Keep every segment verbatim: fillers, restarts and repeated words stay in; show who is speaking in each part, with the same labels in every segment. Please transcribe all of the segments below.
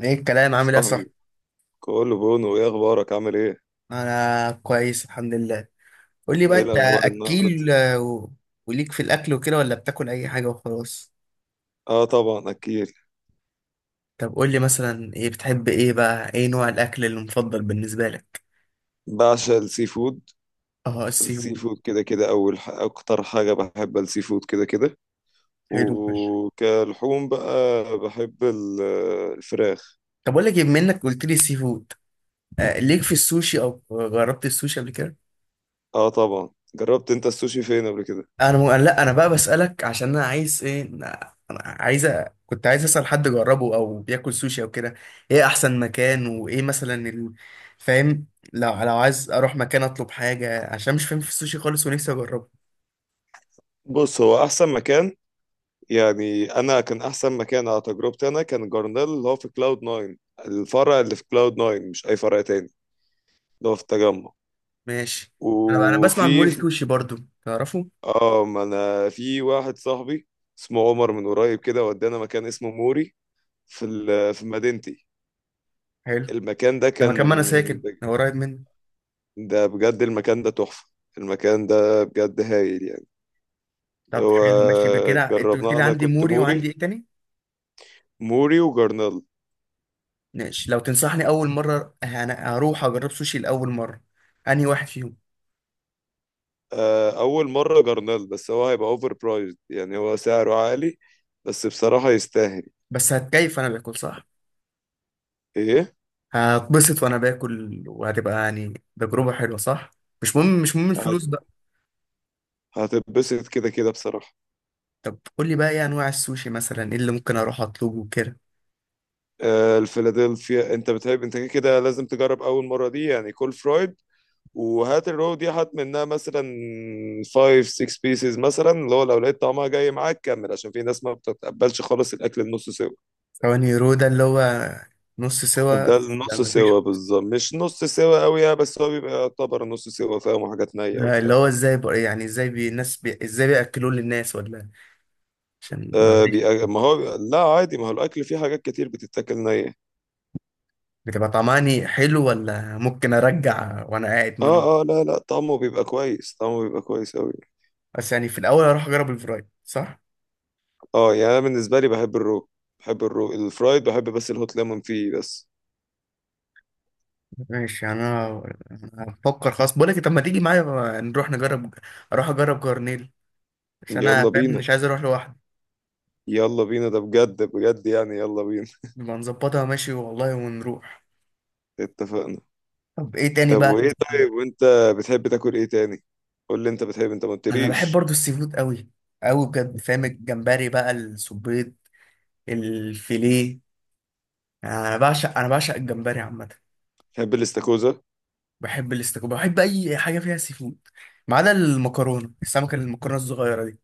Speaker 1: ايه الكلام؟ عامل ايه يا صاحبي؟
Speaker 2: صاحبي، كله بونو. ايه اخبارك، عامل ايه؟
Speaker 1: انا كويس، الحمد لله. قول لي بقى
Speaker 2: ايه
Speaker 1: انت.
Speaker 2: الاخبار النهارده؟
Speaker 1: اكيل. آه، و- وليك في الاكل وكده، ولا بتاكل اي حاجه وخلاص؟
Speaker 2: اه، طبعا اكيد.
Speaker 1: طب قول لي مثلا، ايه بتحب؟ ايه بقى، ايه نوع الاكل المفضل بالنسبه لك؟
Speaker 2: بعشق السي فود.
Speaker 1: اه، السي
Speaker 2: السي
Speaker 1: فود.
Speaker 2: فود كده كده، اول ح... اكتر حاجه بحب السي فود كده كده.
Speaker 1: حلو فشخ.
Speaker 2: وكلحوم بقى بحب ال- الفراخ.
Speaker 1: طب اقول لك إيه، بما انك قلت لي سي فود، آه ليك في السوشي؟ او جربت السوشي قبل كده؟
Speaker 2: اه، طبعا. جربت انت السوشي فين قبل كده؟
Speaker 1: انا م... لا، انا بقى بسألك عشان انا عايز ايه، انا أنا عايز أ- كنت عايز اسأل حد جربه او بياكل سوشي او كده. ايه احسن مكان؟ وايه مثلا ال... فاهم. لو لو عايز اروح مكان اطلب حاجة، عشان مش فاهم في السوشي خالص ونفسي اجربه.
Speaker 2: بص، هو احسن مكان يعني، انا كان احسن مكان على تجربتي انا كان جارنيل، اللي هو في كلاود ناين. الفرع اللي في كلاود ناين مش اي فرع تاني، اللي هو في التجمع.
Speaker 1: ماشي. انا بقى، انا بسمع عن
Speaker 2: وفي
Speaker 1: موري سوشي برضو. تعرفه؟
Speaker 2: اه، ما انا في واحد صاحبي اسمه عمر من قريب كده ودانا مكان اسمه موري في ال- في مدينتي.
Speaker 1: حلو.
Speaker 2: المكان ده
Speaker 1: ده
Speaker 2: كان،
Speaker 1: مكان، ما انا ساكن، هو قريب مني.
Speaker 2: ده بجد المكان ده تحفة. المكان ده بجد هايل يعني.
Speaker 1: طب
Speaker 2: هو
Speaker 1: حلو، ماشي بكده. انت قلت
Speaker 2: جربناه،
Speaker 1: لي
Speaker 2: انا
Speaker 1: عندي
Speaker 2: كنت
Speaker 1: موري، وعندي
Speaker 2: موري،
Speaker 1: ايه تاني؟
Speaker 2: موري وجرنال.
Speaker 1: ماشي، لو تنصحني اول مرة انا هروح اجرب سوشي لاول مرة، انهي واحد فيهم؟
Speaker 2: آه، اول مرة جرنال، بس هو هيبقى اوفر برايزد يعني، هو سعره عالي بس بصراحة يستاهل.
Speaker 1: بس هتكيف انا باكل، صح؟
Speaker 2: ايه؟
Speaker 1: هتبسط وانا باكل، وهتبقى يعني تجربة حلوة، صح؟ مش مهم، مش مهم الفلوس
Speaker 2: هت-
Speaker 1: بقى.
Speaker 2: هتتبسط كده كده بصراحة.
Speaker 1: طب قول لي بقى، ايه انواع السوشي؟ مثلا ايه اللي ممكن اروح اطلبه كده؟
Speaker 2: آه، الفيلادلفيا انت بتحب، انت كده كده لازم تجرب اول مره دي يعني كول فرويد. وهات الرو دي، هات منها مثلا خمسة ستة بيسز مثلا. اللي هو لو لقيت طعمها جاي معاك كمل، عشان في ناس ما بتتقبلش خالص الاكل النص سوا.
Speaker 1: ثواني. رو ده اللي هو نص سوا؟
Speaker 2: ده
Speaker 1: لا،
Speaker 2: النص
Speaker 1: مفيش.
Speaker 2: سوا بالظبط، مش نص سوا قوي يعني، بس هو بيبقى يعتبر نص سوا. فاهم، حاجات نيه
Speaker 1: ده اللي
Speaker 2: وبتاع.
Speaker 1: هو ازاي بقى يعني، ازاي بي الناس بي ازاي بياكلوه للناس ولا إيه؟ عشان
Speaker 2: آه
Speaker 1: معلش.
Speaker 2: بيبقى، ما هو بيبقى لا عادي، ما هو الاكل فيه حاجات كتير بتتاكل نيه.
Speaker 1: بتبقى طعماني حلو، ولا ممكن ارجع وانا قاعد منه؟
Speaker 2: اه اه، لا لا، طعمه بيبقى كويس، طعمه بيبقى كويس قوي.
Speaker 1: بس يعني في الاول اروح اجرب الفرايد، صح؟
Speaker 2: اه، يعني انا بالنسبه لي بحب الرو، بحب الرو الفرايد بحب، بس الهوت ليمون فيه بس.
Speaker 1: ماشي. انا أنا هفكر خلاص، بقول لك إيه، طب ما تيجي معايا، نروح نجرب. اروح اجرب جرنيل، بس انا
Speaker 2: يلا
Speaker 1: فاهم
Speaker 2: بينا،
Speaker 1: مش عايز اروح لوحدي.
Speaker 2: يلا بينا، ده بجد بجد يعني، يلا بينا.
Speaker 1: نبقى نظبطها، ماشي والله، ونروح.
Speaker 2: اتفقنا.
Speaker 1: طب ايه تاني
Speaker 2: طب
Speaker 1: بقى؟
Speaker 2: وايه، طيب وانت بتحب تاكل ايه تاني؟ قول لي انت بتحب، انت ما
Speaker 1: انا بحب
Speaker 2: قلتليش.
Speaker 1: برضو السي فود قوي. قوي بجد، فاهم؟ الجمبري بقى، السبيط، الفيليه. انا بعشق انا بعشق الجمبري عامه.
Speaker 2: بتحب الاستاكوزا؟
Speaker 1: بحب الاستاكوزا، بحب اي حاجه فيها سي فود، ما عدا المكرونه السمكه، المكرونه الصغيره دي.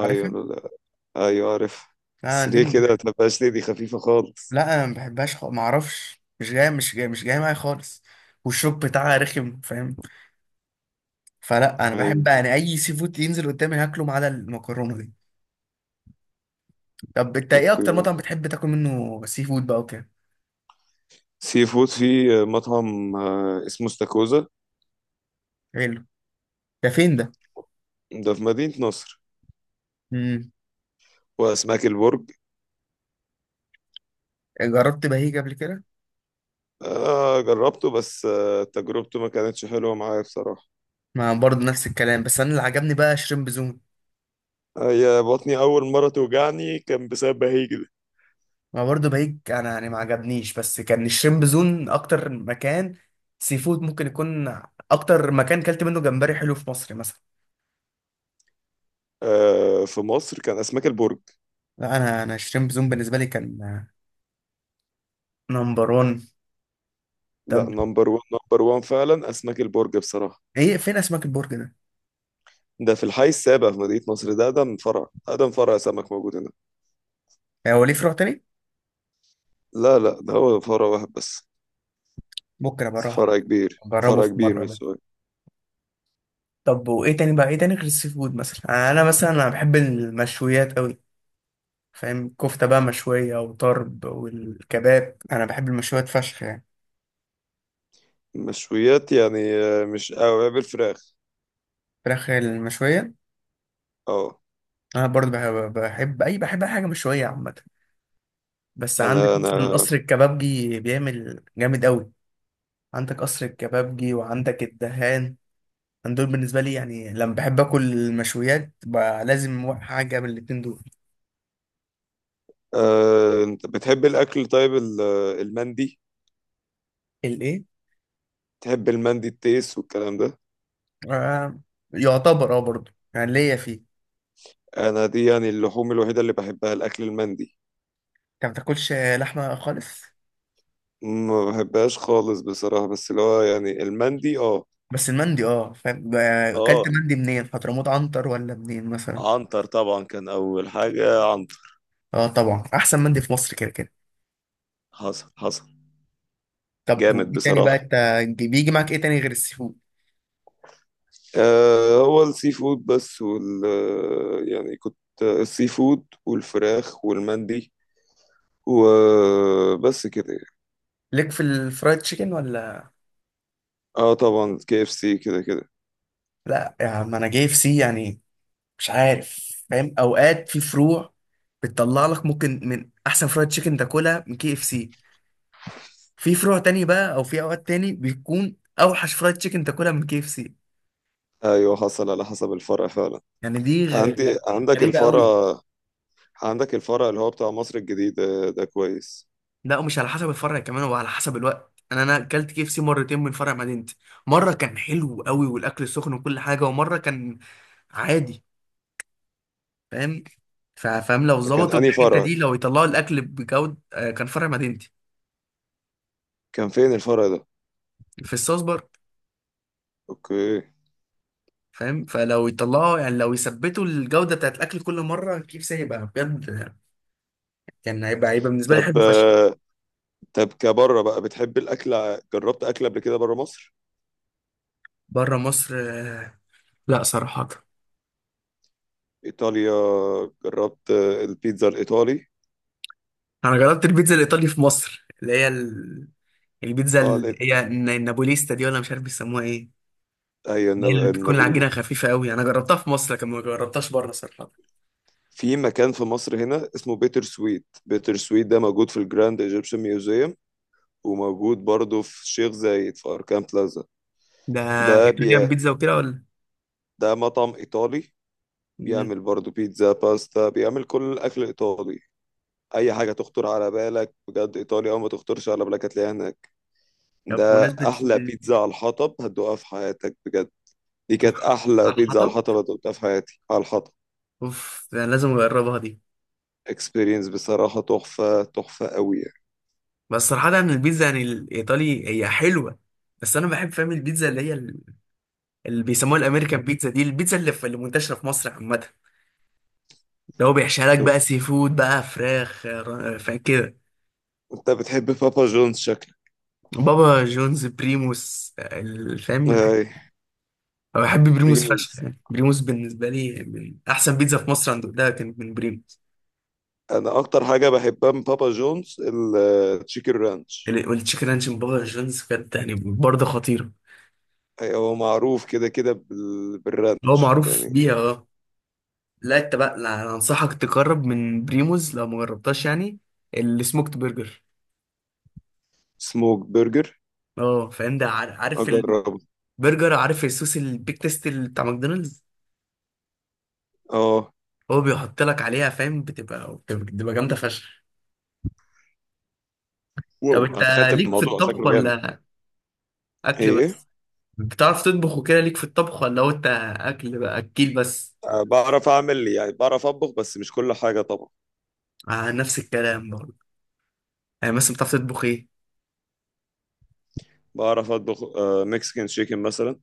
Speaker 1: عارفها؟
Speaker 2: لا. ايوه عارف.
Speaker 1: لا
Speaker 2: بس
Speaker 1: دي ما
Speaker 2: ليه كده، ما
Speaker 1: بحب.
Speaker 2: تبقاش ليه، دي خفيفه خالص.
Speaker 1: لا انا ما بحبهاش، خ... ما اعرفش، مش جاي مش جاي مش جاي معايا خالص. والشوك بتاعها رخم، فاهم؟ فلا، انا
Speaker 2: ايوه.
Speaker 1: بحب يعني اي سي فود ينزل قدامي هاكله، ما عدا المكرونه دي. طب انت، ايه اكتر
Speaker 2: اوكي.
Speaker 1: مطعم بتحب تاكل منه سي فود بقى وكده؟
Speaker 2: سي فود في مطعم، آه، اسمه استاكوزا.
Speaker 1: حلو. ده فين ده؟
Speaker 2: ده في مدينه نصر.
Speaker 1: امم.
Speaker 2: واسماك البرج.
Speaker 1: جربت بهيج قبل كده؟
Speaker 2: آه جربته، بس آه تجربته ما كانتش حلوة معايا بصراحة.
Speaker 1: ما برضه نفس الكلام، بس انا اللي عجبني بقى شريمب زون.
Speaker 2: هي بطني أول مرة توجعني كان بسبب بهيج.
Speaker 1: ما برضه بهيج انا يعني ما عجبنيش، بس كان الشريمب زون اكتر مكان سي فود ممكن يكون، اكتر مكان كلت منه جمبري حلو في مصر مثلا.
Speaker 2: آه، في مصر كان أسماك البرج.
Speaker 1: لا انا انا شريمب زون بالنسبه لي كان نمبر واحد. طب،
Speaker 2: لا، نمبر وان نمبر وان فعلا أسماك البرج بصراحة.
Speaker 1: ايه فين اسماك البرج ده؟
Speaker 2: ده في الحي السابع في مدينة نصر، ده أقدم فرع، أقدم فرع سمك موجود هنا.
Speaker 1: هو ليه فروع تاني؟
Speaker 2: لا لا، ده هو فرع واحد بس.
Speaker 1: ممكن ابقى اروح
Speaker 2: فرع كبير،
Speaker 1: جربه
Speaker 2: فرع
Speaker 1: في
Speaker 2: كبير
Speaker 1: مرة
Speaker 2: من
Speaker 1: ده.
Speaker 2: السوق.
Speaker 1: طب، وإيه تاني بقى؟ إيه تاني غير السي فود؟ مثلا أنا مثلا أنا بحب المشويات أوي، فاهم؟ كفتة بقى مشوية، وطرب، والكباب. أنا بحب المشويات فشخ يعني.
Speaker 2: مشويات يعني، آه، مش أوي بالفراخ.
Speaker 1: فراخ المشوية.
Speaker 2: اه،
Speaker 1: أنا برضه بحب, بحب أي بحب أي حاجة مشوية عامة. بس عندك
Speaker 2: أنا أنا
Speaker 1: مثلا قصر الكبابجي بيعمل جامد أوي. عندك قصر الكبابجي وعندك الدهان. أنا دول بالنسبة لي يعني، لما بحب آكل المشويات بقى لازم حاجة من الاتنين دول.
Speaker 2: آه، أنت بتحب الأكل، طيب ال- المندي.
Speaker 1: الإيه؟
Speaker 2: تحب المندي، التيس والكلام ده؟
Speaker 1: آه، يعتبر أه برضه يعني، ليا فيه.
Speaker 2: انا دي يعني اللحوم الوحيده اللي بحبها، الاكل المندي.
Speaker 1: انت ما بتاكلش لحمه خالص؟
Speaker 2: ما بحبهاش خالص بصراحه، بس اللي هو يعني المندي اه.
Speaker 1: بس المندي اه، فاهم بقى- اكلت
Speaker 2: اه،
Speaker 1: مندي منين؟ حضرموت، عنتر، ولا منين مثلا؟
Speaker 2: عنتر طبعا كان اول حاجه عنتر.
Speaker 1: اه طبعا، احسن مندي في مصر كده كده.
Speaker 2: حصل حصل.
Speaker 1: طب
Speaker 2: جامد
Speaker 1: وايه تاني بقى؟
Speaker 2: بصراحه.
Speaker 1: انت بيجي معاك ايه تاني غير السي فود؟
Speaker 2: آه هو السي فود بس، وال يعني كنت السي فود والفراخ والمندي وبس كده.
Speaker 1: ليك في الفرايد تشيكن ولا؟
Speaker 2: اه طبعا، كي اف سي كده كده.
Speaker 1: لا يا عم، انا جاي في سي يعني، مش عارف فاهم، اوقات في فروع بتطلع لك ممكن من احسن فرايد تشيكن تاكلها من كي اف سي. في فروع تاني بقى، او في اوقات تاني بيكون اوحش فرايد تشيكن تاكلها من كي اف سي.
Speaker 2: ايوه حصل، على حسب الفرع فعلا.
Speaker 1: يعني دي غ- غ-
Speaker 2: عندي، عندك
Speaker 1: غريبة
Speaker 2: الفرع،
Speaker 1: قوي.
Speaker 2: عندك الفرع اللي هو بتاع مصر الجديد ده, ده كويس.
Speaker 1: لا، ومش على حسب الفرع كمان، وعلى حسب الوقت. انا انا اكلت كي اف سي مرتين من فرع مدينتي. مره كان حلو قوي والاكل سخن وكل حاجه، ومره كان عادي. فاهم؟ ف- فاهم، لو
Speaker 2: ده كان
Speaker 1: ظبطوا
Speaker 2: أنهي
Speaker 1: الحته
Speaker 2: فرع؟
Speaker 1: دي، لو يطلعوا الاكل بجوده آه، كان فرع مدينتي.
Speaker 2: كان فين الفرع ده؟
Speaker 1: في الصوص برضه.
Speaker 2: اوكي.
Speaker 1: فاهم، فلو يطلعوا يعني لو يثبتوا الجوده بتاعت الاكل كل مره، كي اف سي هيبقى بجد. كان هيبقى هيبقى بالنسبه لي
Speaker 2: طب،
Speaker 1: حلو فشخ.
Speaker 2: آه، طب كبره بقى بتحب الاكل، ع- جربت اكل قبل كده بره مصر؟
Speaker 1: بره مصر، آه، لا صراحه.
Speaker 2: ايطاليا. جربت، آه، البيتزا الايطالي؟
Speaker 1: انا جربت البيتزا الايطالي في مصر، اللي هي البيتزا
Speaker 2: اه،
Speaker 1: اللي
Speaker 2: لا،
Speaker 1: هي الن- النابوليستا دي، ولا مش عارف بيسموها ايه.
Speaker 2: ايوه،
Speaker 1: اللي هي
Speaker 2: الناب-
Speaker 1: اللي بتكون
Speaker 2: النابولي.
Speaker 1: العجينه خفيفه قوي، انا جربتها في مصر لكن ما جربتهاش بره صراحه.
Speaker 2: في مكان في مصر هنا اسمه بيتر سويت، بيتر سويت ده موجود في الجراند ايجيبشن ميوزيوم. وموجود برضه في شيخ زايد في اركان بلازا.
Speaker 1: ده
Speaker 2: ده بي...
Speaker 1: ايطاليان بيتزا وكده، ولا؟
Speaker 2: ده مطعم ايطالي.
Speaker 1: مم.
Speaker 2: بيعمل برضو بيتزا، باستا، بيعمل كل الاكل الايطالي. اي حاجه تخطر على بالك بجد ايطاليا او ما تخطرش على بالك، هتلاقيها هناك.
Speaker 1: طب
Speaker 2: ده
Speaker 1: بمناسبه
Speaker 2: احلى
Speaker 1: ال-
Speaker 2: بيتزا على الحطب هتدوقها في حياتك بجد. دي كانت
Speaker 1: أوف.
Speaker 2: احلى
Speaker 1: على
Speaker 2: بيتزا على
Speaker 1: الحطب.
Speaker 2: الحطب هتدوقها في حياتي، على الحطب.
Speaker 1: اوف، ده أنا لازم اجربها دي.
Speaker 2: اكسبيرينس بصراحه تحفه، تحفه قوي يعني.
Speaker 1: بس صراحه يعني البيتزا يعني الايطالي هي حلوه. بس انا بحب، فاهم، البيتزا اللي هي ال- اللي بيسموها الامريكان بيتزا دي، البيتزا اللي, في اللي منتشره في مصر عامه. اللي هو بيحشيها لك بقى سي فود بقى فراخ، آه، فاهم كده.
Speaker 2: انت بتحب بابا جونز شكلك؟
Speaker 1: بابا جونز، بريموس، آه، فاهم.
Speaker 2: اي،
Speaker 1: أنا بحب بريموس فشخ
Speaker 2: بريموز.
Speaker 1: يعني، بريموس بالنسبة لي من أحسن بيتزا في مصر، أنا دوقتها كانت من بريموس.
Speaker 2: انا اكتر حاجه بحبها من بابا جونز التشيكن رانش.
Speaker 1: ال- والتشيكن رانش من بابا جونز كانت يعني برضه خطيرة.
Speaker 2: هو معروف كده كده بال-
Speaker 1: هو
Speaker 2: بالرانش
Speaker 1: معروف
Speaker 2: يعني.
Speaker 1: بيها أه. لا أنت بقى، لا أنا أنصحك تجرب من بريموس لو ما جربتهاش يعني، السموكت برجر.
Speaker 2: سموك برجر،
Speaker 1: أه فاهم ده. عار- عارف
Speaker 2: اجربه.
Speaker 1: البرجر؟ عارف الصوص البيك تيست اللي بتاع ماكدونالدز؟
Speaker 2: اه.
Speaker 1: هو بيحط لك عليها، فاهم؟ بتبقى بتبقى بتبقى جامدة فشخ. طب
Speaker 2: واو،
Speaker 1: أنت،
Speaker 2: انا تخيلت
Speaker 1: ليك في
Speaker 2: الموضوع
Speaker 1: الطبخ
Speaker 2: شكله جامد.
Speaker 1: ولا أكل
Speaker 2: ايه؟
Speaker 1: بس؟ بتعرف تطبخ وكده؟ ليك في الطبخ، ولا هو انت اكل بقى، اكيل بس؟
Speaker 2: أه، بعرف اعمل يعني، بعرف اطبخ بس مش كل حاجه طبعا.
Speaker 1: آه نفس الكلام برضه. يعني مثلا بتعرف تطبخ ايه؟
Speaker 2: بعرف اطبخ، أه مكسيكان شيكن مثلا.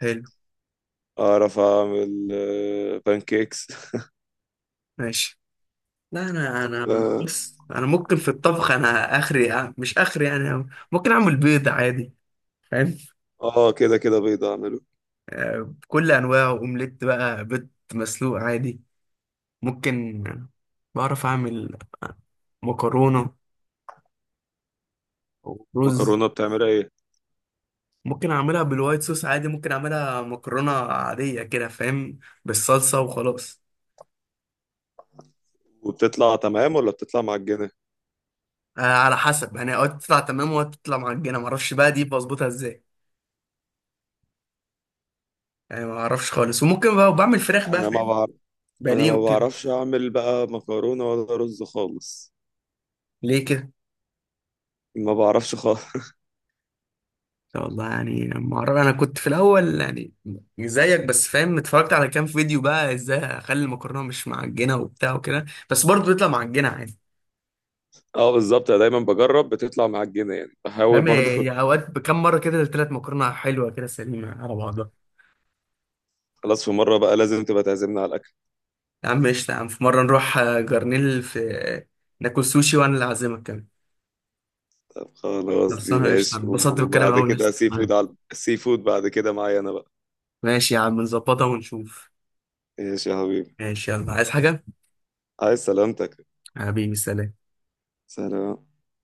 Speaker 1: حلو.
Speaker 2: اعرف اعمل أه بانكيكس.
Speaker 1: ماشي. لا انا انا
Speaker 2: آه.
Speaker 1: بس انا ممكن في الطبخ، انا اخري آه، مش اخري يعني. ممكن اعمل بيض عادي، فاهم.
Speaker 2: اه، كده كده بيض اعمله.
Speaker 1: آه بكل انواعه، اومليت بقى، بيض مسلوق عادي. ممكن بعرف اعمل مكرونة، ورز.
Speaker 2: مكرونه بتعملها ايه؟
Speaker 1: ممكن اعملها بالوايت صوص عادي، ممكن اعملها مكرونة عادية كده، فاهم، بالصلصة وخلاص.
Speaker 2: وبتطلع تمام ولا بتطلع معجنه؟
Speaker 1: آه على حسب يعني، اوقات تطلع تمام واوقات تطلع معجنه، ما اعرفش بقى دي بظبطها ازاي. يعني ما اعرفش خالص. وممكن بقى بعمل فراخ بقى،
Speaker 2: انا ما
Speaker 1: فاهم،
Speaker 2: بعرف، انا
Speaker 1: بانيه
Speaker 2: ما
Speaker 1: وكده.
Speaker 2: بعرفش اعمل بقى مكرونه ولا رز خالص.
Speaker 1: ليه كده؟
Speaker 2: ما بعرفش خالص.
Speaker 1: والله يعني ما اعرف، انا كنت في الاول يعني زيك، بس فاهم اتفرجت على كام فيديو بقى ازاي اخلي المكرونه مش معجنه وبتاع وكده، بس برضه بيطلع معجنه عادي.
Speaker 2: اه بالظبط، انا دايما بجرب بتطلع معجنه يعني، بحاول
Speaker 1: فاهم،
Speaker 2: برضو.
Speaker 1: هي اوقات بكام مره كده التلات مكرونه حلوه كده سليمه على بعضها.
Speaker 2: خلاص، في مره بقى لازم تبقى تعزمنا على.
Speaker 1: يا عم قشطه، يا عم في مره نروح آه، جرنيل في آه، ناكل سوشي، وانا اللي اعزمك كمان.
Speaker 2: طب خلاص دي
Speaker 1: خلصانه قشطه،
Speaker 2: ماشي،
Speaker 1: اتبسطت بالكلام
Speaker 2: وبعد
Speaker 1: قوي يا
Speaker 2: كده سي
Speaker 1: اسطى.
Speaker 2: فود على السي فود بعد كده معايا انا بقى.
Speaker 1: ماشي يا عم، نظبطها ونشوف.
Speaker 2: ماشي يا حبيبي.
Speaker 1: ماشي، يلا عايز حاجة؟
Speaker 2: عايز سلامتك.
Speaker 1: حبيبي، سلام.
Speaker 2: سلام.